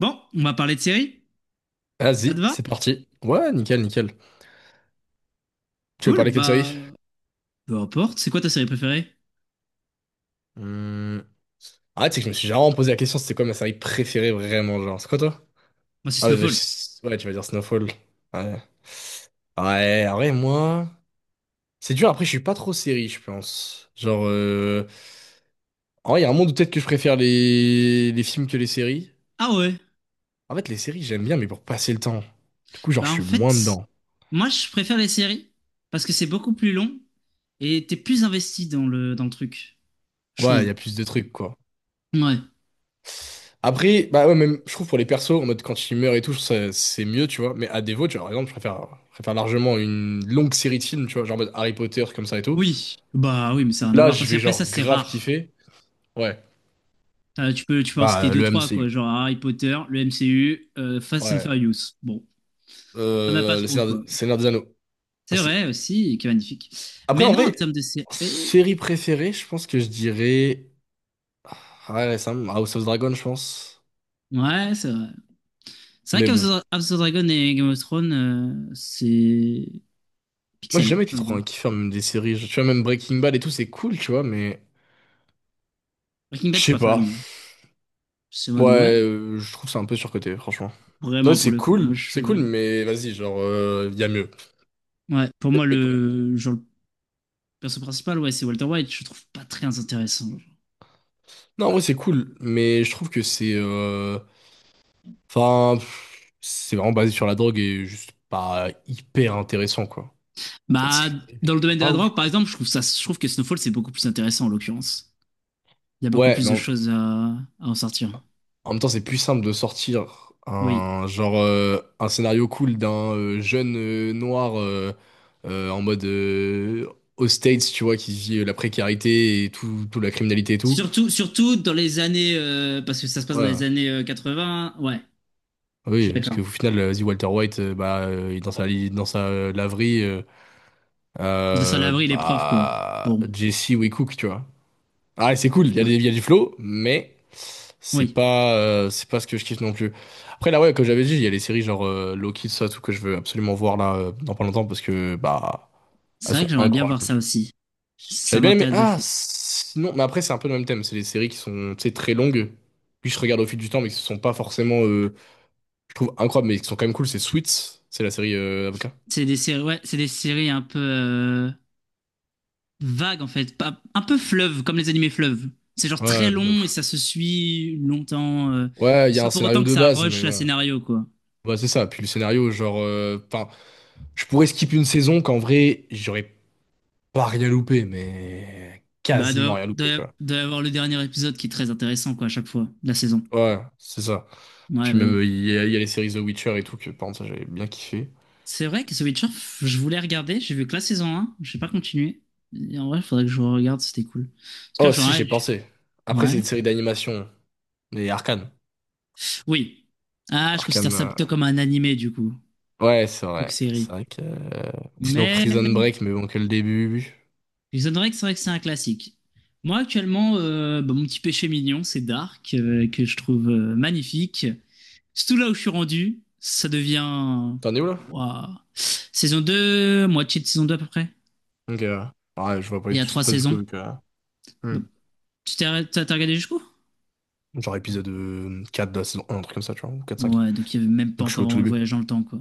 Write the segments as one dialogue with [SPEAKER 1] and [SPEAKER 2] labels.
[SPEAKER 1] Bon, on va parler de série. Ça te
[SPEAKER 2] Vas-y,
[SPEAKER 1] va?
[SPEAKER 2] c'est parti. Ouais, nickel, nickel. Tu veux
[SPEAKER 1] Cool,
[SPEAKER 2] parler que de
[SPEAKER 1] bah
[SPEAKER 2] série?
[SPEAKER 1] peu importe. C'est quoi ta série préférée?
[SPEAKER 2] Hmm. Ah, tu sais que je me suis jamais vraiment posé la question, c'était quoi ma série préférée vraiment, genre. C'est quoi toi?
[SPEAKER 1] Moi, c'est
[SPEAKER 2] Ah ouais, bah,
[SPEAKER 1] Snowfall.
[SPEAKER 2] ouais, tu vas dire Snowfall. Ouais. Ouais, en vrai, moi. C'est dur, après, je suis pas trop série, je pense. Genre, en vrai, il y a un monde où peut-être que je préfère les films que les séries.
[SPEAKER 1] Ah ouais.
[SPEAKER 2] En fait, les séries, j'aime bien, mais pour passer le temps. Du coup, genre,
[SPEAKER 1] Bah
[SPEAKER 2] je
[SPEAKER 1] en
[SPEAKER 2] suis moins
[SPEAKER 1] fait,
[SPEAKER 2] dedans.
[SPEAKER 1] moi je préfère les séries parce que c'est beaucoup plus long et t'es plus investi dans le truc, je
[SPEAKER 2] Ouais, il y
[SPEAKER 1] trouve.
[SPEAKER 2] a plus de trucs, quoi.
[SPEAKER 1] Ouais.
[SPEAKER 2] Après, bah ouais, même, je trouve pour les persos, en mode quand ils meurent et tout, c'est mieux, tu vois. Mais à défaut, tu vois, par exemple, je préfère largement une longue série de films, tu vois, genre en mode Harry Potter, comme ça et tout.
[SPEAKER 1] Oui. Bah oui, mais ça
[SPEAKER 2] Où
[SPEAKER 1] n'a rien à
[SPEAKER 2] là,
[SPEAKER 1] voir
[SPEAKER 2] je
[SPEAKER 1] parce
[SPEAKER 2] vais
[SPEAKER 1] qu'après ça
[SPEAKER 2] genre
[SPEAKER 1] c'est
[SPEAKER 2] grave
[SPEAKER 1] rare.
[SPEAKER 2] kiffer. Ouais.
[SPEAKER 1] Tu peux en citer
[SPEAKER 2] Bah,
[SPEAKER 1] deux
[SPEAKER 2] le
[SPEAKER 1] trois
[SPEAKER 2] MCU.
[SPEAKER 1] quoi, genre Harry Potter, le MCU, Fast and
[SPEAKER 2] Ouais.
[SPEAKER 1] Furious. Bon, ça n'a pas
[SPEAKER 2] Le
[SPEAKER 1] trop
[SPEAKER 2] Seigneur,
[SPEAKER 1] quoi.
[SPEAKER 2] Seigneur des Anneaux
[SPEAKER 1] C'est
[SPEAKER 2] aussi.
[SPEAKER 1] vrai aussi, qui est magnifique.
[SPEAKER 2] Après,
[SPEAKER 1] Mais
[SPEAKER 2] en
[SPEAKER 1] non, en termes
[SPEAKER 2] vrai,
[SPEAKER 1] de série,
[SPEAKER 2] série préférée, je pense que je dirais. Ouais, ouais, ça, House of Dragon, je pense.
[SPEAKER 1] ouais, c'est vrai. C'est vrai
[SPEAKER 2] Mais
[SPEAKER 1] qu'House
[SPEAKER 2] bon.
[SPEAKER 1] of House of Dragon et Game of Thrones, c'est
[SPEAKER 2] Moi, j'ai
[SPEAKER 1] pixel,
[SPEAKER 2] jamais été
[SPEAKER 1] j'ai envie de
[SPEAKER 2] trop
[SPEAKER 1] dire.
[SPEAKER 2] un kiffeur, même des séries. Tu vois, même Breaking Bad et tout, c'est cool, tu vois, mais.
[SPEAKER 1] Breaking
[SPEAKER 2] Je
[SPEAKER 1] Bad, je suis
[SPEAKER 2] sais
[SPEAKER 1] pas fan.
[SPEAKER 2] pas.
[SPEAKER 1] Moi. C'est en mode, ouais,
[SPEAKER 2] Ouais, je trouve ça un peu surcoté, franchement. Ouais,
[SPEAKER 1] vraiment pour le coup. Moi, je
[SPEAKER 2] c'est cool,
[SPEAKER 1] suis.
[SPEAKER 2] mais vas-y, genre, il y a mieux.
[SPEAKER 1] Ouais, pour
[SPEAKER 2] Y a
[SPEAKER 1] moi,
[SPEAKER 2] mieux et tout.
[SPEAKER 1] le, genre, le perso principal, ouais, c'est Walter White. Je le trouve pas très intéressant.
[SPEAKER 2] Non, ouais, c'est cool, mais je trouve que enfin, pff, c'est vraiment basé sur la drogue et juste pas hyper intéressant, quoi.
[SPEAKER 1] Bah,
[SPEAKER 2] C'est
[SPEAKER 1] dans le domaine de la
[SPEAKER 2] pas ouf,
[SPEAKER 1] drogue, par
[SPEAKER 2] quoi.
[SPEAKER 1] exemple, je trouve ça, je trouve que Snowfall, c'est beaucoup plus intéressant en l'occurrence. Il y a beaucoup
[SPEAKER 2] Ouais,
[SPEAKER 1] plus
[SPEAKER 2] mais
[SPEAKER 1] de
[SPEAKER 2] en,
[SPEAKER 1] choses à en sortir.
[SPEAKER 2] en même temps, c'est plus simple de sortir
[SPEAKER 1] Oui.
[SPEAKER 2] un genre, un scénario cool d'un, jeune, noir, en mode, aux States, tu vois, qui vit, la précarité et tout, toute la criminalité et tout.
[SPEAKER 1] Surtout dans les années, parce que ça se passe dans
[SPEAKER 2] Ouais,
[SPEAKER 1] les
[SPEAKER 2] ouais.
[SPEAKER 1] années 80. Ouais,
[SPEAKER 2] Ah
[SPEAKER 1] je
[SPEAKER 2] oui,
[SPEAKER 1] suis
[SPEAKER 2] parce
[SPEAKER 1] d'accord.
[SPEAKER 2] que au final, vas-y, Walter White, bah, il est dans sa laverie, euh,
[SPEAKER 1] De ça,
[SPEAKER 2] euh,
[SPEAKER 1] l'abri, les preuves, quoi.
[SPEAKER 2] bah,
[SPEAKER 1] Bon.
[SPEAKER 2] Jesse ou Cook tu vois. Ah, c'est cool, il y
[SPEAKER 1] C'est
[SPEAKER 2] a
[SPEAKER 1] vrai.
[SPEAKER 2] des, il y a du flow, mais c'est
[SPEAKER 1] Oui.
[SPEAKER 2] pas, euh, c'est pas ce que je kiffe non plus. Après, là, ouais, comme j'avais dit, il y a les séries genre, Loki, tout ça, tout que je veux absolument voir là, dans pas longtemps, parce que, bah,
[SPEAKER 1] C'est
[SPEAKER 2] elles
[SPEAKER 1] vrai que
[SPEAKER 2] sont
[SPEAKER 1] j'aimerais bien voir
[SPEAKER 2] incroyables.
[SPEAKER 1] ça aussi. Ça
[SPEAKER 2] J'avais bien aimé,
[SPEAKER 1] m'intéresse de
[SPEAKER 2] ah,
[SPEAKER 1] fou.
[SPEAKER 2] sinon, mais après, c'est un peu le même thème, c'est les séries qui sont, tu sais, très longues, puis je regarde au fil du temps, mais qui ne sont pas forcément, je trouve incroyable, mais qui sont quand même cool, c'est Suits, c'est la série, avocat.
[SPEAKER 1] C'est des séries, ouais, c'est des séries un peu vagues en fait, pas, un peu fleuve, comme les animés fleuves. C'est genre très
[SPEAKER 2] Ouais, de
[SPEAKER 1] long et
[SPEAKER 2] ouf.
[SPEAKER 1] ça se suit longtemps,
[SPEAKER 2] Ouais, il y a
[SPEAKER 1] sans
[SPEAKER 2] un
[SPEAKER 1] pour autant
[SPEAKER 2] scénario
[SPEAKER 1] que
[SPEAKER 2] de
[SPEAKER 1] ça
[SPEAKER 2] base,
[SPEAKER 1] rush
[SPEAKER 2] mais
[SPEAKER 1] la
[SPEAKER 2] bon,
[SPEAKER 1] scénario quoi.
[SPEAKER 2] bah, c'est ça. Puis le scénario, genre, enfin, je pourrais skip une saison qu'en vrai, j'aurais pas rien loupé, mais
[SPEAKER 1] Bah
[SPEAKER 2] quasiment
[SPEAKER 1] doit,
[SPEAKER 2] rien loupé,
[SPEAKER 1] doit,
[SPEAKER 2] quoi.
[SPEAKER 1] doit y avoir le dernier épisode qui est très intéressant quoi à chaque fois de la saison.
[SPEAKER 2] Ouais, c'est ça.
[SPEAKER 1] Ouais
[SPEAKER 2] Puis
[SPEAKER 1] bah
[SPEAKER 2] même,
[SPEAKER 1] oui.
[SPEAKER 2] il y a les séries The Witcher et tout, que par contre, ça, j'avais bien kiffé.
[SPEAKER 1] C'est vrai que The Witcher, je voulais regarder, j'ai vu que la saison un, j'ai pas continué. Et en vrai, il faudrait que je regarde, c'était cool. Parce que là,
[SPEAKER 2] Oh,
[SPEAKER 1] genre,
[SPEAKER 2] si, j'ai
[SPEAKER 1] ouais,
[SPEAKER 2] pensé. Après, c'est
[SPEAKER 1] ouais.
[SPEAKER 2] une série d'animation, mais Arcane.
[SPEAKER 1] Oui. Ah, je considère
[SPEAKER 2] Arcane,
[SPEAKER 1] ça plutôt comme un animé, du coup.
[SPEAKER 2] ouais, c'est
[SPEAKER 1] Donc,
[SPEAKER 2] vrai. C'est
[SPEAKER 1] série.
[SPEAKER 2] vrai que. Sinon, Prison
[SPEAKER 1] Mais
[SPEAKER 2] Break, mais bon, que le début.
[SPEAKER 1] les Honorés, c'est vrai que c'est un classique. Moi, actuellement, bah, mon petit péché mignon, c'est Dark, que je trouve magnifique. Surtout là où je suis rendu, ça devient.
[SPEAKER 2] T'en es où là?
[SPEAKER 1] Ouah. Saison 2, moitié de saison 2 à peu près.
[SPEAKER 2] Ok, ouais. Ouais, je vois pas
[SPEAKER 1] Il y a
[SPEAKER 2] tout ce qui
[SPEAKER 1] trois
[SPEAKER 2] se passe du coup,
[SPEAKER 1] saisons.
[SPEAKER 2] vu que.
[SPEAKER 1] Bah,
[SPEAKER 2] Hmm.
[SPEAKER 1] Tu t'es arrêt- t'as- t'as regardé jusqu'où?
[SPEAKER 2] Genre épisode, 4 de la saison 1, un truc comme ça, tu vois, ou 4-5.
[SPEAKER 1] Ouais, donc il n'y avait même pas
[SPEAKER 2] Donc je suis
[SPEAKER 1] encore
[SPEAKER 2] au tout
[SPEAKER 1] vraiment le
[SPEAKER 2] début.
[SPEAKER 1] voyage dans le temps, quoi.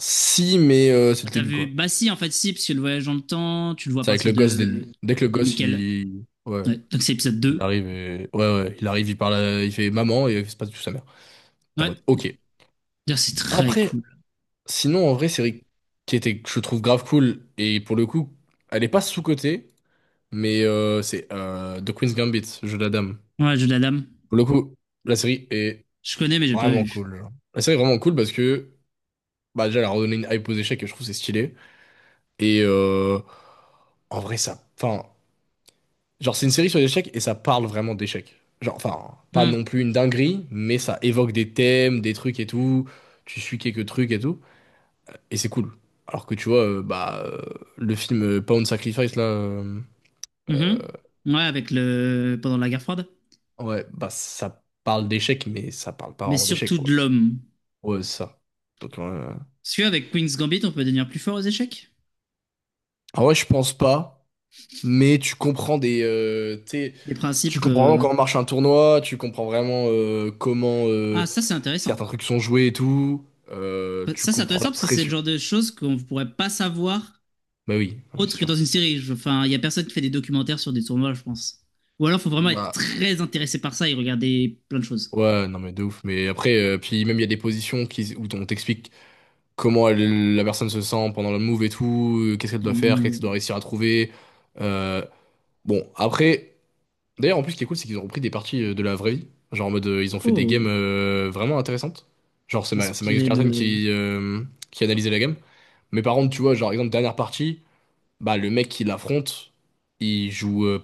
[SPEAKER 2] Si, mais, c'est
[SPEAKER 1] Ah,
[SPEAKER 2] le
[SPEAKER 1] t'as
[SPEAKER 2] début,
[SPEAKER 1] vu?
[SPEAKER 2] quoi.
[SPEAKER 1] Bah si, en fait, si, parce que le voyage dans le temps, tu le vois à
[SPEAKER 2] C'est avec
[SPEAKER 1] partir
[SPEAKER 2] le gosse, dès, le- dès que le
[SPEAKER 1] de
[SPEAKER 2] gosse,
[SPEAKER 1] Michael.
[SPEAKER 2] il. Ouais,
[SPEAKER 1] Ouais, donc c'est épisode
[SPEAKER 2] il
[SPEAKER 1] 2.
[SPEAKER 2] arrive et. Ouais, ouais, il arrive, il parle, il fait maman et il se passe du tout sa mère. T'es en
[SPEAKER 1] Ouais,
[SPEAKER 2] mode, ok.
[SPEAKER 1] d'ailleurs, c'est très
[SPEAKER 2] Après,
[SPEAKER 1] cool.
[SPEAKER 2] sinon, en vrai, série qui était, que je trouve grave cool, et pour le coup, elle est pas sous-cotée, mais, c'est, The Queen's Gambit, Jeu de la dame.
[SPEAKER 1] Ouais, le jeu de la dame.
[SPEAKER 2] Pour le coup, la série est
[SPEAKER 1] Je connais, mais j'ai pas
[SPEAKER 2] vraiment
[SPEAKER 1] vu.
[SPEAKER 2] cool, genre. La série est vraiment cool parce que, bah, déjà, elle a redonné une hype aux échecs et je trouve que c'est stylé. Et, en vrai, ça. Enfin, genre, c'est une série sur les échecs et ça parle vraiment d'échecs. Genre, enfin, pas
[SPEAKER 1] Hum,
[SPEAKER 2] non plus une dinguerie, mais ça évoque des thèmes, des trucs et tout. Tu suis quelques trucs et tout. Et c'est cool. Alors que tu vois, bah, le film, Pound Sacrifice, là, euh,
[SPEAKER 1] mhm. Ouais, avec le. Pendant la guerre froide.
[SPEAKER 2] ouais, bah, ça parle d'échecs, mais ça parle pas
[SPEAKER 1] Mais
[SPEAKER 2] vraiment d'échecs,
[SPEAKER 1] surtout de
[SPEAKER 2] quoi.
[SPEAKER 1] l'homme.
[SPEAKER 2] Ouais, c'est ça. Donc, ouais.
[SPEAKER 1] Parce qu'avec Queen's Gambit, on peut devenir plus fort aux échecs.
[SPEAKER 2] Ah ouais, je pense pas, mais tu comprends des tu
[SPEAKER 1] Des
[SPEAKER 2] tu
[SPEAKER 1] principes.
[SPEAKER 2] comprends vraiment comment marche un tournoi, tu comprends vraiment, comment,
[SPEAKER 1] Ah, ça, c'est intéressant.
[SPEAKER 2] certains trucs sont joués et tout, tu
[SPEAKER 1] Ça, c'est
[SPEAKER 2] comprends la
[SPEAKER 1] intéressant parce que c'est le
[SPEAKER 2] pression.
[SPEAKER 1] genre de choses qu'on ne pourrait pas savoir
[SPEAKER 2] Bah oui non, mais c'est
[SPEAKER 1] autre que dans
[SPEAKER 2] sûr.
[SPEAKER 1] une série. Enfin, il y a personne qui fait des documentaires sur des tournois, je pense. Ou alors, il faut vraiment être
[SPEAKER 2] Bah
[SPEAKER 1] très intéressé par ça et regarder plein de choses.
[SPEAKER 2] ouais non, mais de ouf. Mais après, puis même il y a des positions qui où on t'explique comment la personne se sent pendant le move et tout, qu'est-ce qu'elle doit faire, qu'est-ce qu'elle doit
[SPEAKER 1] Hum,
[SPEAKER 2] réussir à trouver. Euh, bon, après. D'ailleurs, en plus, ce qui est cool, c'est qu'ils ont repris des parties, de la vraie vie. Genre en mode, ils ont fait des games,
[SPEAKER 1] Oh,
[SPEAKER 2] vraiment intéressantes. Genre, c'est Magnus
[SPEAKER 1] inspiré
[SPEAKER 2] Carlsen
[SPEAKER 1] de.
[SPEAKER 2] qui analysait la game. Mais par contre, tu vois, genre, exemple, dernière partie, bah, le mec qui l'affronte, il joue,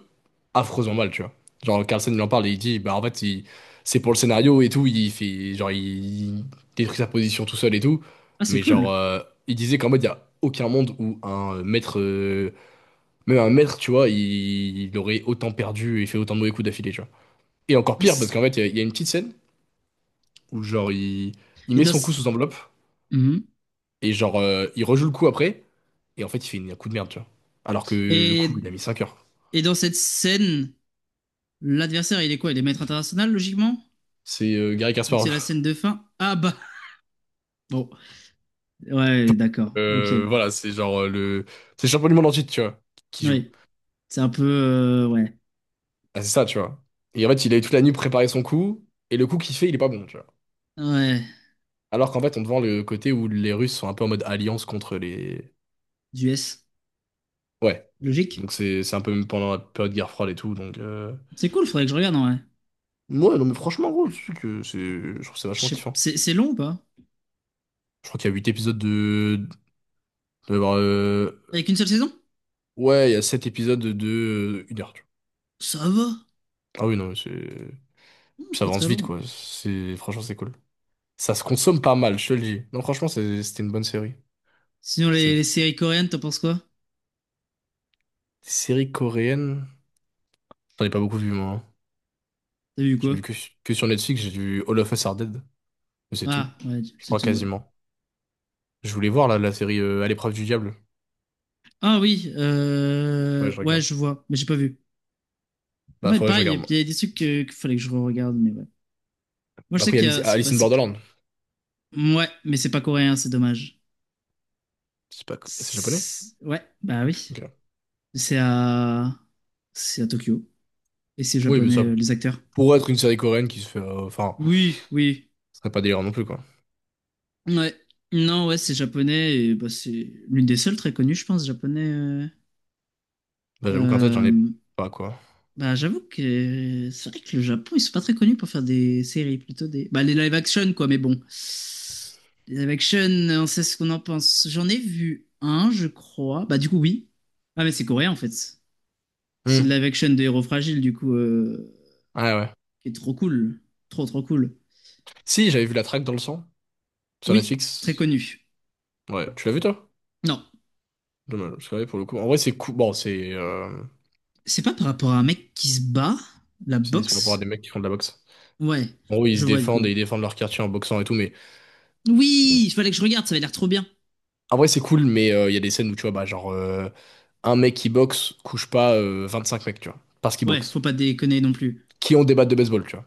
[SPEAKER 2] affreusement mal, tu vois. Genre, Carlsen, il en parle et il dit, bah, en fait, c'est pour le scénario et tout. Il fait, genre, il détruit sa position tout seul et tout.
[SPEAKER 1] Ah, c'est
[SPEAKER 2] Mais
[SPEAKER 1] cool.
[SPEAKER 2] genre, il disait qu'en mode, il y a aucun monde où un, maître, même un maître, tu vois, il aurait autant perdu et fait autant de mauvais coups d'affilée, tu vois. Et encore
[SPEAKER 1] Ah,
[SPEAKER 2] pire, parce
[SPEAKER 1] c'est-
[SPEAKER 2] qu'en fait, il y a une petite scène où, genre, il
[SPEAKER 1] Et
[SPEAKER 2] met
[SPEAKER 1] dans.
[SPEAKER 2] son coup
[SPEAKER 1] ce-
[SPEAKER 2] sous enveloppe
[SPEAKER 1] Mhm.
[SPEAKER 2] et, genre, il rejoue le coup après. Et en fait, il fait un coup de merde, tu vois. Alors que le coup,
[SPEAKER 1] Et,
[SPEAKER 2] il a mis 5 heures.
[SPEAKER 1] et dans cette scène, l'adversaire, il est quoi? Il est maître international, logiquement?
[SPEAKER 2] C'est, Garry
[SPEAKER 1] Vu que c'est
[SPEAKER 2] Kasparov.
[SPEAKER 1] la scène de fin. Ah bah. Bon. Ouais, d'accord. Ok.
[SPEAKER 2] Voilà, c'est genre, le. C'est le champion du monde entier, tu vois, qui joue.
[SPEAKER 1] Oui. C'est un peu. Ouais.
[SPEAKER 2] Ah, c'est ça, tu vois. Et en fait, il a eu toute la nuit préparé son coup. Et le coup qu'il fait, il est pas bon, tu vois.
[SPEAKER 1] Ouais.
[SPEAKER 2] Alors qu'en fait, on te vend le côté où les Russes sont un peu en mode alliance contre les.
[SPEAKER 1] Du S.
[SPEAKER 2] Ouais.
[SPEAKER 1] Logique.
[SPEAKER 2] Donc, c'est un peu même pendant la période de guerre froide et tout. Donc.
[SPEAKER 1] C'est cool, faudrait que je regarde en vrai.
[SPEAKER 2] Ouais, non, mais franchement, gros, tu sais que c'est, je trouve ça vachement kiffant.
[SPEAKER 1] C'est long ou pas?
[SPEAKER 2] Je crois qu'il y a 8 épisodes de- de- euh,
[SPEAKER 1] Avec une seule saison?
[SPEAKER 2] Ouais, il y a 7 épisodes de 1 heure, tu vois.
[SPEAKER 1] Ça va.
[SPEAKER 2] Ah oui, non, mais c'est.
[SPEAKER 1] Non,
[SPEAKER 2] Puis
[SPEAKER 1] c'est
[SPEAKER 2] ça
[SPEAKER 1] pas
[SPEAKER 2] avance
[SPEAKER 1] très
[SPEAKER 2] vite,
[SPEAKER 1] long.
[SPEAKER 2] quoi. C'est... Franchement, c'est cool. Ça se consomme pas mal, je te le dis. Non, franchement, c'était une bonne série.
[SPEAKER 1] Sinon,
[SPEAKER 2] C'est
[SPEAKER 1] les,
[SPEAKER 2] une
[SPEAKER 1] les séries coréennes, t'en penses quoi?
[SPEAKER 2] série coréenne. J'en ai pas beaucoup vu, moi, hein.
[SPEAKER 1] T'as vu
[SPEAKER 2] J'ai
[SPEAKER 1] quoi?
[SPEAKER 2] vu que sur Netflix, j'ai vu All of Us Are Dead. Mais c'est
[SPEAKER 1] Ah,
[SPEAKER 2] tout.
[SPEAKER 1] ouais,
[SPEAKER 2] Je
[SPEAKER 1] c'est
[SPEAKER 2] crois
[SPEAKER 1] tout, ouais.
[SPEAKER 2] quasiment. Je voulais voir, là, la série, À l'épreuve du diable.
[SPEAKER 1] Ah oui,
[SPEAKER 2] Ouais, je
[SPEAKER 1] ouais,
[SPEAKER 2] regarde.
[SPEAKER 1] je vois, mais j'ai pas vu.
[SPEAKER 2] Bah,
[SPEAKER 1] Ouais,
[SPEAKER 2] faudrait que je
[SPEAKER 1] pareil,
[SPEAKER 2] regarde, moi.
[SPEAKER 1] il y a des trucs qu'il fallait que je regarde mais ouais. Moi, je sais
[SPEAKER 2] Après, il y
[SPEAKER 1] qu'il
[SPEAKER 2] a
[SPEAKER 1] y
[SPEAKER 2] Alice
[SPEAKER 1] a.
[SPEAKER 2] Alice in Borderland.
[SPEAKER 1] Ouais, mais c'est pas coréen, c'est dommage.
[SPEAKER 2] C'est pas... C'est japonais?
[SPEAKER 1] C'est- Ouais, bah oui.
[SPEAKER 2] Ok.
[SPEAKER 1] C'est à. C'est à Tokyo. Et c'est
[SPEAKER 2] Oui, mais
[SPEAKER 1] japonais,
[SPEAKER 2] ça
[SPEAKER 1] les acteurs.
[SPEAKER 2] pourrait être une série coréenne qui se fait, enfin,
[SPEAKER 1] Oui, oui.
[SPEAKER 2] ce serait pas délirant non plus, quoi.
[SPEAKER 1] Ouais. Non, ouais, c'est japonais. Et bah, c'est l'une des seules très connues, je pense, japonais.
[SPEAKER 2] Bah, j'avoue qu'en tête, j'en ai
[SPEAKER 1] Euh,
[SPEAKER 2] pas, quoi.
[SPEAKER 1] Bah, j'avoue que c'est vrai que le Japon, ils sont pas très connus pour faire des séries, plutôt des. Bah, les live action, quoi, mais bon. Les live action, on sait ce qu'on en pense. J'en ai vu un, je crois. Bah, du coup, oui. Ah, mais c'est coréen, en fait. C'est le
[SPEAKER 2] Hmm.
[SPEAKER 1] live action de Héros Fragile, du coup,
[SPEAKER 2] Ah ouais.
[SPEAKER 1] qui est trop cool. Trop cool.
[SPEAKER 2] Si, j'avais vu La Traque dans le sang sur
[SPEAKER 1] Oui, très
[SPEAKER 2] Netflix.
[SPEAKER 1] connu.
[SPEAKER 2] Ouais, tu l'as vu, toi?
[SPEAKER 1] Non,
[SPEAKER 2] Dommage, parce que ouais, pour le coup. En vrai, c'est cool. Bon, c'est.
[SPEAKER 1] c'est pas par rapport à un mec qui se bat, la
[SPEAKER 2] Si, c'est par rapport à des
[SPEAKER 1] boxe.
[SPEAKER 2] mecs qui font de la boxe.
[SPEAKER 1] Ouais,
[SPEAKER 2] En gros, ils
[SPEAKER 1] je
[SPEAKER 2] se
[SPEAKER 1] vois, du
[SPEAKER 2] défendent et
[SPEAKER 1] coup.
[SPEAKER 2] ils défendent leur quartier en boxant et tout, mais bon.
[SPEAKER 1] Oui, il fallait que je regarde, ça avait l'air trop bien.
[SPEAKER 2] En vrai, c'est cool, mais, il y a des scènes où, tu vois, bah, genre, un mec qui boxe couche pas, 25 mecs, tu vois, parce qu'il
[SPEAKER 1] Ouais,
[SPEAKER 2] boxe,
[SPEAKER 1] faut pas déconner non plus.
[SPEAKER 2] qui ont des battes de baseball, tu vois.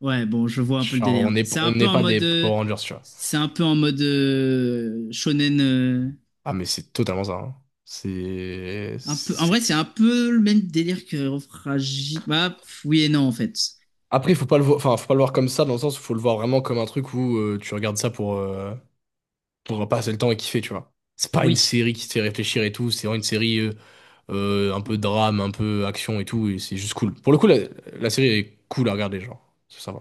[SPEAKER 1] Ouais, bon, je vois un peu le
[SPEAKER 2] Genre,
[SPEAKER 1] délire.
[SPEAKER 2] on n'est
[SPEAKER 1] C'est un
[SPEAKER 2] on
[SPEAKER 1] peu
[SPEAKER 2] n'est
[SPEAKER 1] en
[SPEAKER 2] pas
[SPEAKER 1] mode,
[SPEAKER 2] des Power Rangers, tu vois.
[SPEAKER 1] c'est un peu en mode shonen.
[SPEAKER 2] Ah, mais c'est totalement ça, hein. C'est,
[SPEAKER 1] Un peu, en vrai,
[SPEAKER 2] c'est...
[SPEAKER 1] c'est un peu le même délire que Fragile. Bah, pff, oui et non en fait.
[SPEAKER 2] Après, il faut pas le voir... enfin, faut pas le voir comme ça, dans le sens où faut le voir vraiment comme un truc où, tu regardes ça pour passer le temps et kiffer, tu vois. C'est pas une
[SPEAKER 1] Oui.
[SPEAKER 2] série qui te fait réfléchir et tout, c'est vraiment une série, un peu drame, un peu action et tout, et c'est juste cool. Pour le coup, la série est cool à regarder, genre. Ça va.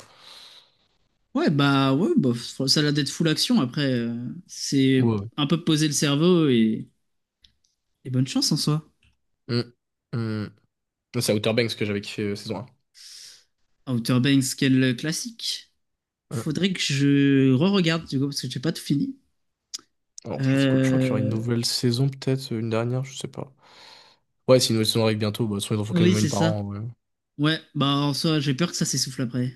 [SPEAKER 1] Ça a l'air d'être full action. Après, c'est
[SPEAKER 2] Ouais,
[SPEAKER 1] un peu poser le cerveau et bonne chance en soi.
[SPEAKER 2] ouais. Mm, mm. C'est Outer Banks que j'avais kiffé, saison
[SPEAKER 1] Outer Banks, quel classique.
[SPEAKER 2] un. Mm.
[SPEAKER 1] Faudrait que je re-regarde du coup parce que j'ai pas tout fini.
[SPEAKER 2] Alors, je crois que c'est cool. Je crois qu'il y aura une
[SPEAKER 1] Euh,
[SPEAKER 2] nouvelle saison, peut-être, une dernière, je sais pas. Ouais, si une nouvelle saison arrive bientôt, bah, de toute façon, ils en font
[SPEAKER 1] Oui,
[SPEAKER 2] quasiment
[SPEAKER 1] c'est
[SPEAKER 2] une par
[SPEAKER 1] ça.
[SPEAKER 2] an, ouais.
[SPEAKER 1] Ouais, bah en soi, j'ai peur que ça s'essouffle après.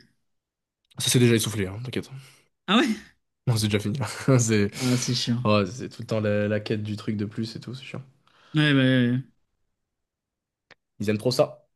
[SPEAKER 2] Ça s'est déjà essoufflé, hein, t'inquiète.
[SPEAKER 1] Ah ouais?
[SPEAKER 2] Non, c'est déjà fini. C'est
[SPEAKER 1] Ah, c'est chiant.
[SPEAKER 2] Oh, c'est tout le temps la quête du truc de plus et tout, c'est chiant.
[SPEAKER 1] Ouais, ouais, ouais. Ouais.
[SPEAKER 2] Ils aiment trop ça.